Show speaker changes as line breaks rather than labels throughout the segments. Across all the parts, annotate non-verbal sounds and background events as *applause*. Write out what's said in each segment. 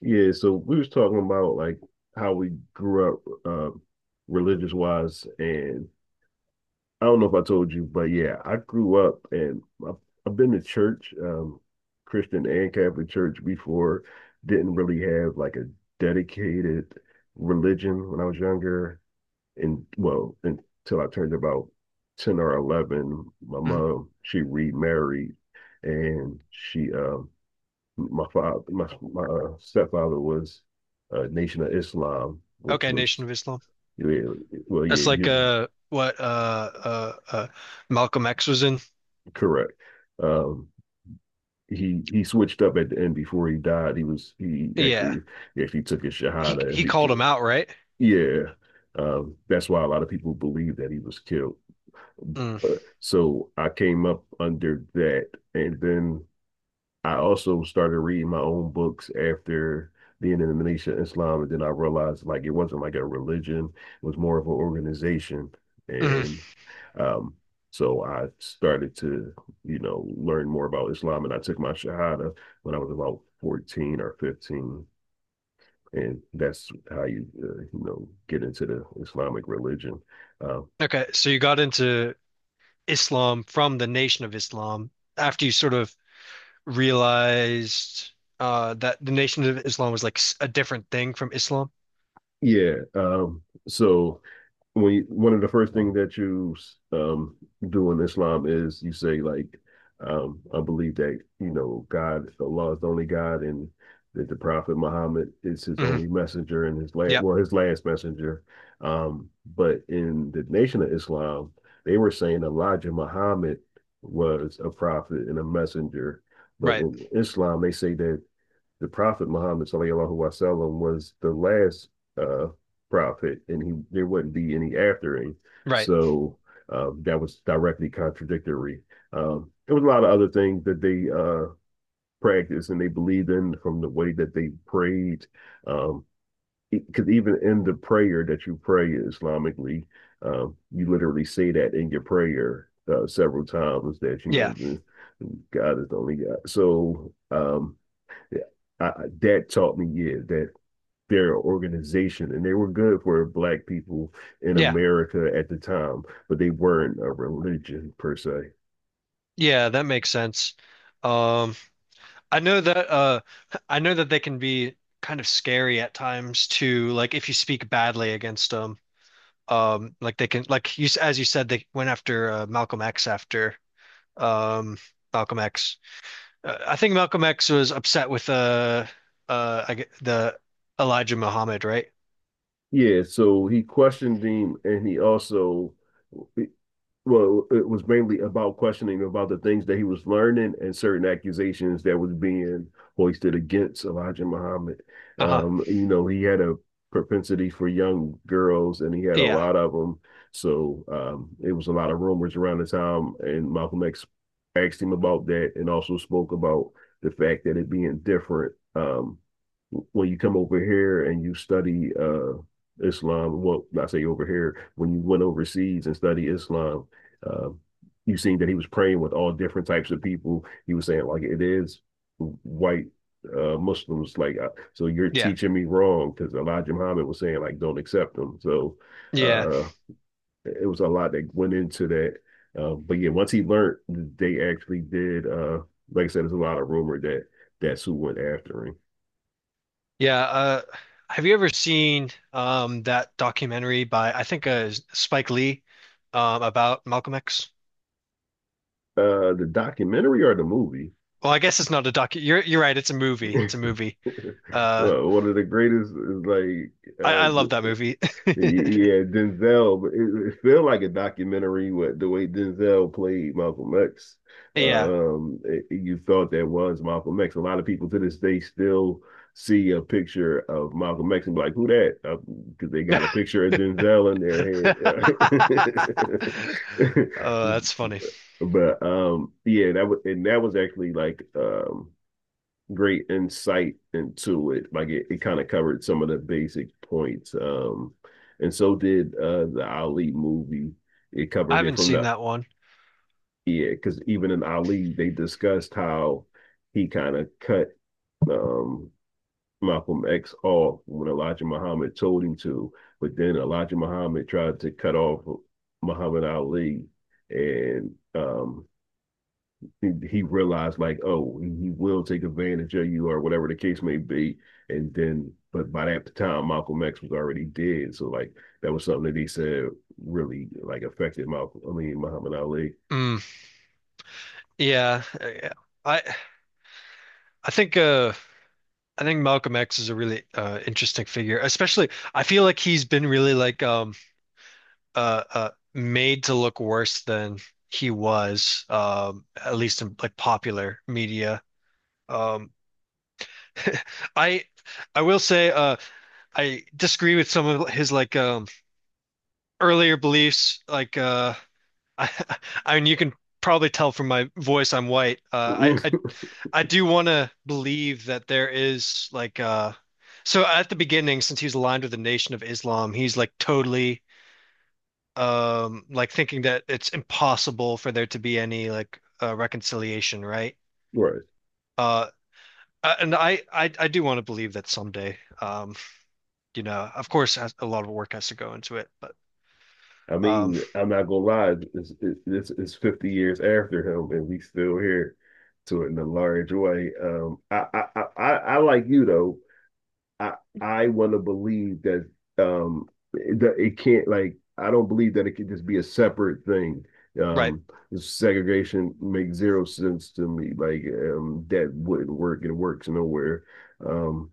Yeah, so we was talking about like how we grew up religious wise, and I don't know if I told you, but yeah, I grew up and I've been to church, Christian and Catholic church before. Didn't really have like a dedicated religion when I was younger, and well, until I turned about 10 or 11, my
Mhm.
mom, she remarried and she, my father, my stepfather was Nation of Islam, which
Okay, Nation
was,
of Islam.
yeah, well,
That's
yeah,
like
you,
what Malcolm X was in.
correct. Um, he switched up at the end before he died. He was he
Yeah.
actually he actually took his
He
shahada and
he called him
became.
out, right?
Yeah. That's why a lot of people believe that he was killed.
Mm.
So I came up under that, and then I also started reading my own books after being in the Militia Islam, and then I realized like it wasn't like a religion, it was more of an organization.
Mhm.
And um, so I started to, learn more about Islam, and I took my Shahada when I was about 14 or 15. And that's how you, get into the Islamic religion. Uh,
Okay, so you got into Islam from the Nation of Islam after you sort of realized that the Nation of Islam was like a different thing from Islam.
yeah. So one of the first things that you um do in Islam is you say like I believe that God Allah is the only God and that the Prophet Muhammad is his
hmm
only messenger and his last
Yep,
well his last messenger. Um, but in the Nation of Islam, they were saying Elijah Muhammad was a prophet and a messenger. But
right.
in Islam, they say that the Prophet Muhammad sallallahu alaihi wasallam was the last uh, prophet, and he there wouldn't be any after him.
Right.
So that was directly contradictory. There was a lot of other things that they practiced and they believed in from the way that they prayed. Um, because even in the prayer that you pray Islamically, you literally say that in your prayer several times that you
Yeah.
know God is the only God. So yeah. I, Dad taught me, yeah, that they're an organization and they were good for black people in
Yeah.
America at the time, but they weren't a religion per se.
Yeah, that makes sense. Um I know that uh I know that they can be kind of scary at times too, like if you speak badly against them. Like they can like as you said they went after Malcolm X after um Malcolm X. I think Malcolm X was upset with the Elijah Muhammad, right?
Yeah, so he questioned him and it was mainly about questioning about the things that he was learning and certain accusations that was being hoisted against Elijah Muhammad.
Uh-huh.
He had a propensity for young girls, and he had a
Yeah.
lot of them. So it was a lot of rumors around the time, and Malcolm X asked him about that, and also spoke about the fact that it being different, when you come over here and you study Islam, well, I say over here, when you went overseas and study Islam, uh, you seen that he was praying with all different types of people. He was saying like it is white, Muslims, like, so you're
Yeah.
teaching me wrong because Elijah Muhammad was saying like don't accept them. So
Yeah.
uh, it was a lot that went into that. But yeah, once he learned, they actually did. Like I said, there's a lot of rumor that that's who went after him.
Yeah, have you ever seen that documentary by I think Spike Lee about Malcolm X?
The documentary or the movie.
Well, I guess it's not a doc. You're right. It's a movie. It's a movie. Uh,
One of the greatest is like
I
uh
love that movie. *laughs*
yeah, Denzel. It feel like a documentary with the way Denzel played Malcolm X.
Yeah.
You thought that was Malcolm X. A lot of people to this day still see a picture of Malcolm X and be like, "Who that?" Because they got a
*laughs*
picture of Denzel in their head. *laughs*
Oh, that's funny.
But yeah, that was actually like great insight into it. Like it kind of covered some of the basic points. And so did the Ali movie. It
I
covered it
haven't
from
seen
the
that one.
yeah, because even in Ali, they discussed how he kind of cut um, Malcolm X off when Elijah Muhammad told him to, but then Elijah Muhammad tried to cut off Muhammad Ali, and he realized like, oh, he will take advantage of you or whatever the case may be. And then, but by that time, Malcolm X was already dead. So like that was something that he said really like affected Malcolm. I mean, Muhammad Ali.
Mm, yeah, yeah. I I think uh I think Malcolm X is a really interesting figure. Especially I feel like he's been really made to look worse than he was at least in like popular media. Um *laughs* I I will say I disagree with some of his earlier beliefs. Like *laughs* I, I mean you can probably tell from my voice I'm white. I do want to believe that there is so at the beginning since he's aligned with the Nation of Islam, he's like totally like thinking that it's impossible for there to be any like reconciliation, right?
*laughs* Right.
Uh and I do want to believe that someday, you know, of course, a lot of work has to go into it, but
I
um,
mean, I'm not gonna lie. It's 50 years after him, and we still here to it in a large way. I like you though I I want to believe that it can't. Like, I don't believe that it could just be a separate thing.
right.
Um, segregation makes zero sense to me. Like, that wouldn't work. It works nowhere. Um,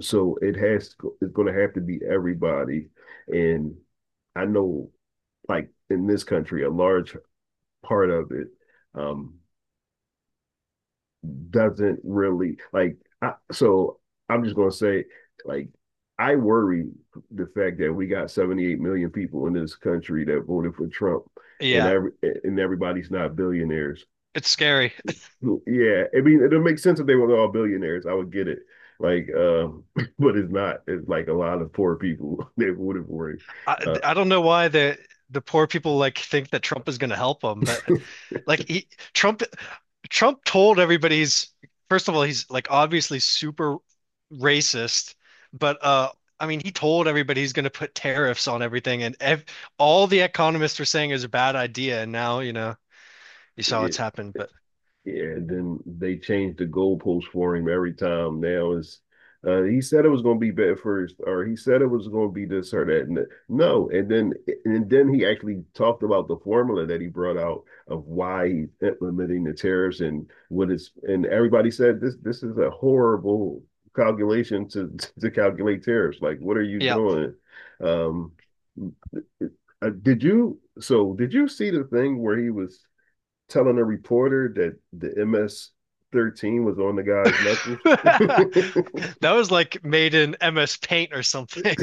so it has it's going to have to be everybody. And I know, like in this country, a large part of it, um, doesn't really like. So I'm just gonna say, like, I worry the fact that we got 78 million people in this country that voted for Trump, and
Yeah.
everybody's not billionaires.
It's scary. *laughs*
Yeah, I mean, it'll make sense if they were all billionaires. I would get it. Like, *laughs* but it's not. It's like a lot of poor people *laughs* that voted for it. Uh,
I don't know why the poor people like think that Trump is going to help them, but like he Trump Trump told everybody he's first of all he's like obviously super racist, but I mean he told everybody he's going to put tariffs on everything and ev all the economists were saying is a bad idea and now, you know, you saw
yeah,
what's happened, but
yeah, and then they changed the goalpost for him every time. Now it's He said it was going to be bad first, or he said it was going to be this or that. No, and then he actually talked about the formula that he brought out of why he's implementing the tariffs and what is. And everybody said this is a horrible calculation to *laughs* to calculate tariffs. Like, what are you
yeah.
doing? Um, did you see the thing where he was telling a reporter that the MS-13 was on the guy's knuckles. *laughs*
*laughs* That was like made in MS Paint or something.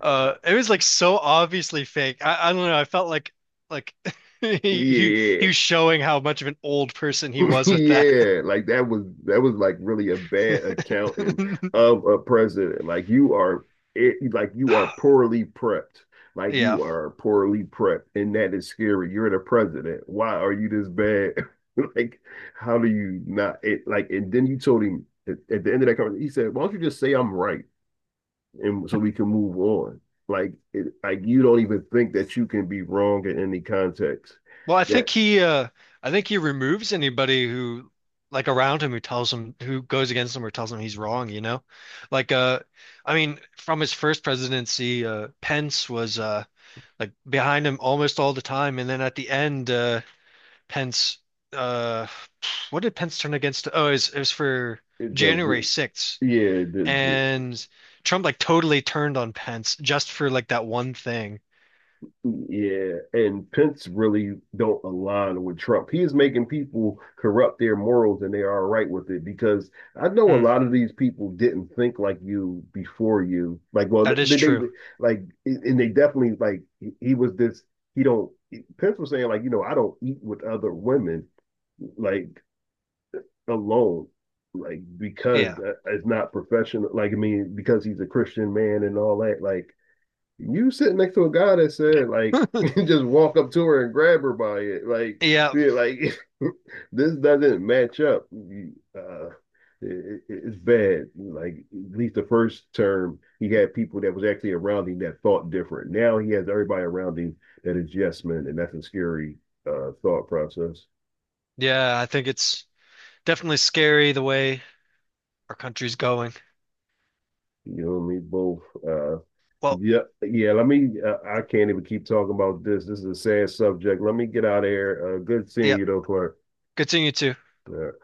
It was like so obviously fake. I don't know. I felt like *laughs*
Yeah.
he was showing how much of an old person he
*laughs*
was with that.
Yeah. Like that was like really a bad accounting
*laughs*
of a president. Like you are poorly prepped. Like
Yeah.
you are poorly prepped, and that is scary. You're the president. Why are you this bad? *laughs* Like, how do you not? Like, and then you told him at the end of that conversation, he said, "Why don't you just say I'm right?" and so we can move on. Like you don't even think that you can be wrong in any context.
Well,
That
I think he removes anybody who like around him who tells him who goes against him or tells him he's wrong, you know? Like I mean, from his first presidency, Pence was like behind him almost all the time and then at the end Pence. Uh, what did Pence turn against? Oh, it was for January
the
6th,
yeah the,
and Trump like totally turned on Pence just for like that one thing.
the yeah and Pence really don't align with Trump. He is making people corrupt their morals and they are all right with it because I know a
Mm,
lot of these people didn't think like you before you. Like, well,
that is
they,
true.
like, and they definitely like he was this, he don't, Pence was saying like I don't eat with other women, like, alone, like because
Yeah,
it's not professional. Like, I mean, because he's a Christian man and all that. Like you sitting next to a guy that said like *laughs* just walk up to her and grab her by it. Like,
yeah,
yeah, like *laughs* this doesn't match up. Uh, it's bad. Like at least the first term, he had people that was actually around him that thought different. Now he has everybody around him that is yes men, and that's a scary, thought process.
yeah. I think it's definitely scary the way our country's going.
You know what I mean? Both uh,
Well,
Yeah, yeah. Let me. I can't even keep talking about this. This is a sad subject. Let me get out of here. Good seeing
yeah.
you, though, Clark.
Continue to.
All right.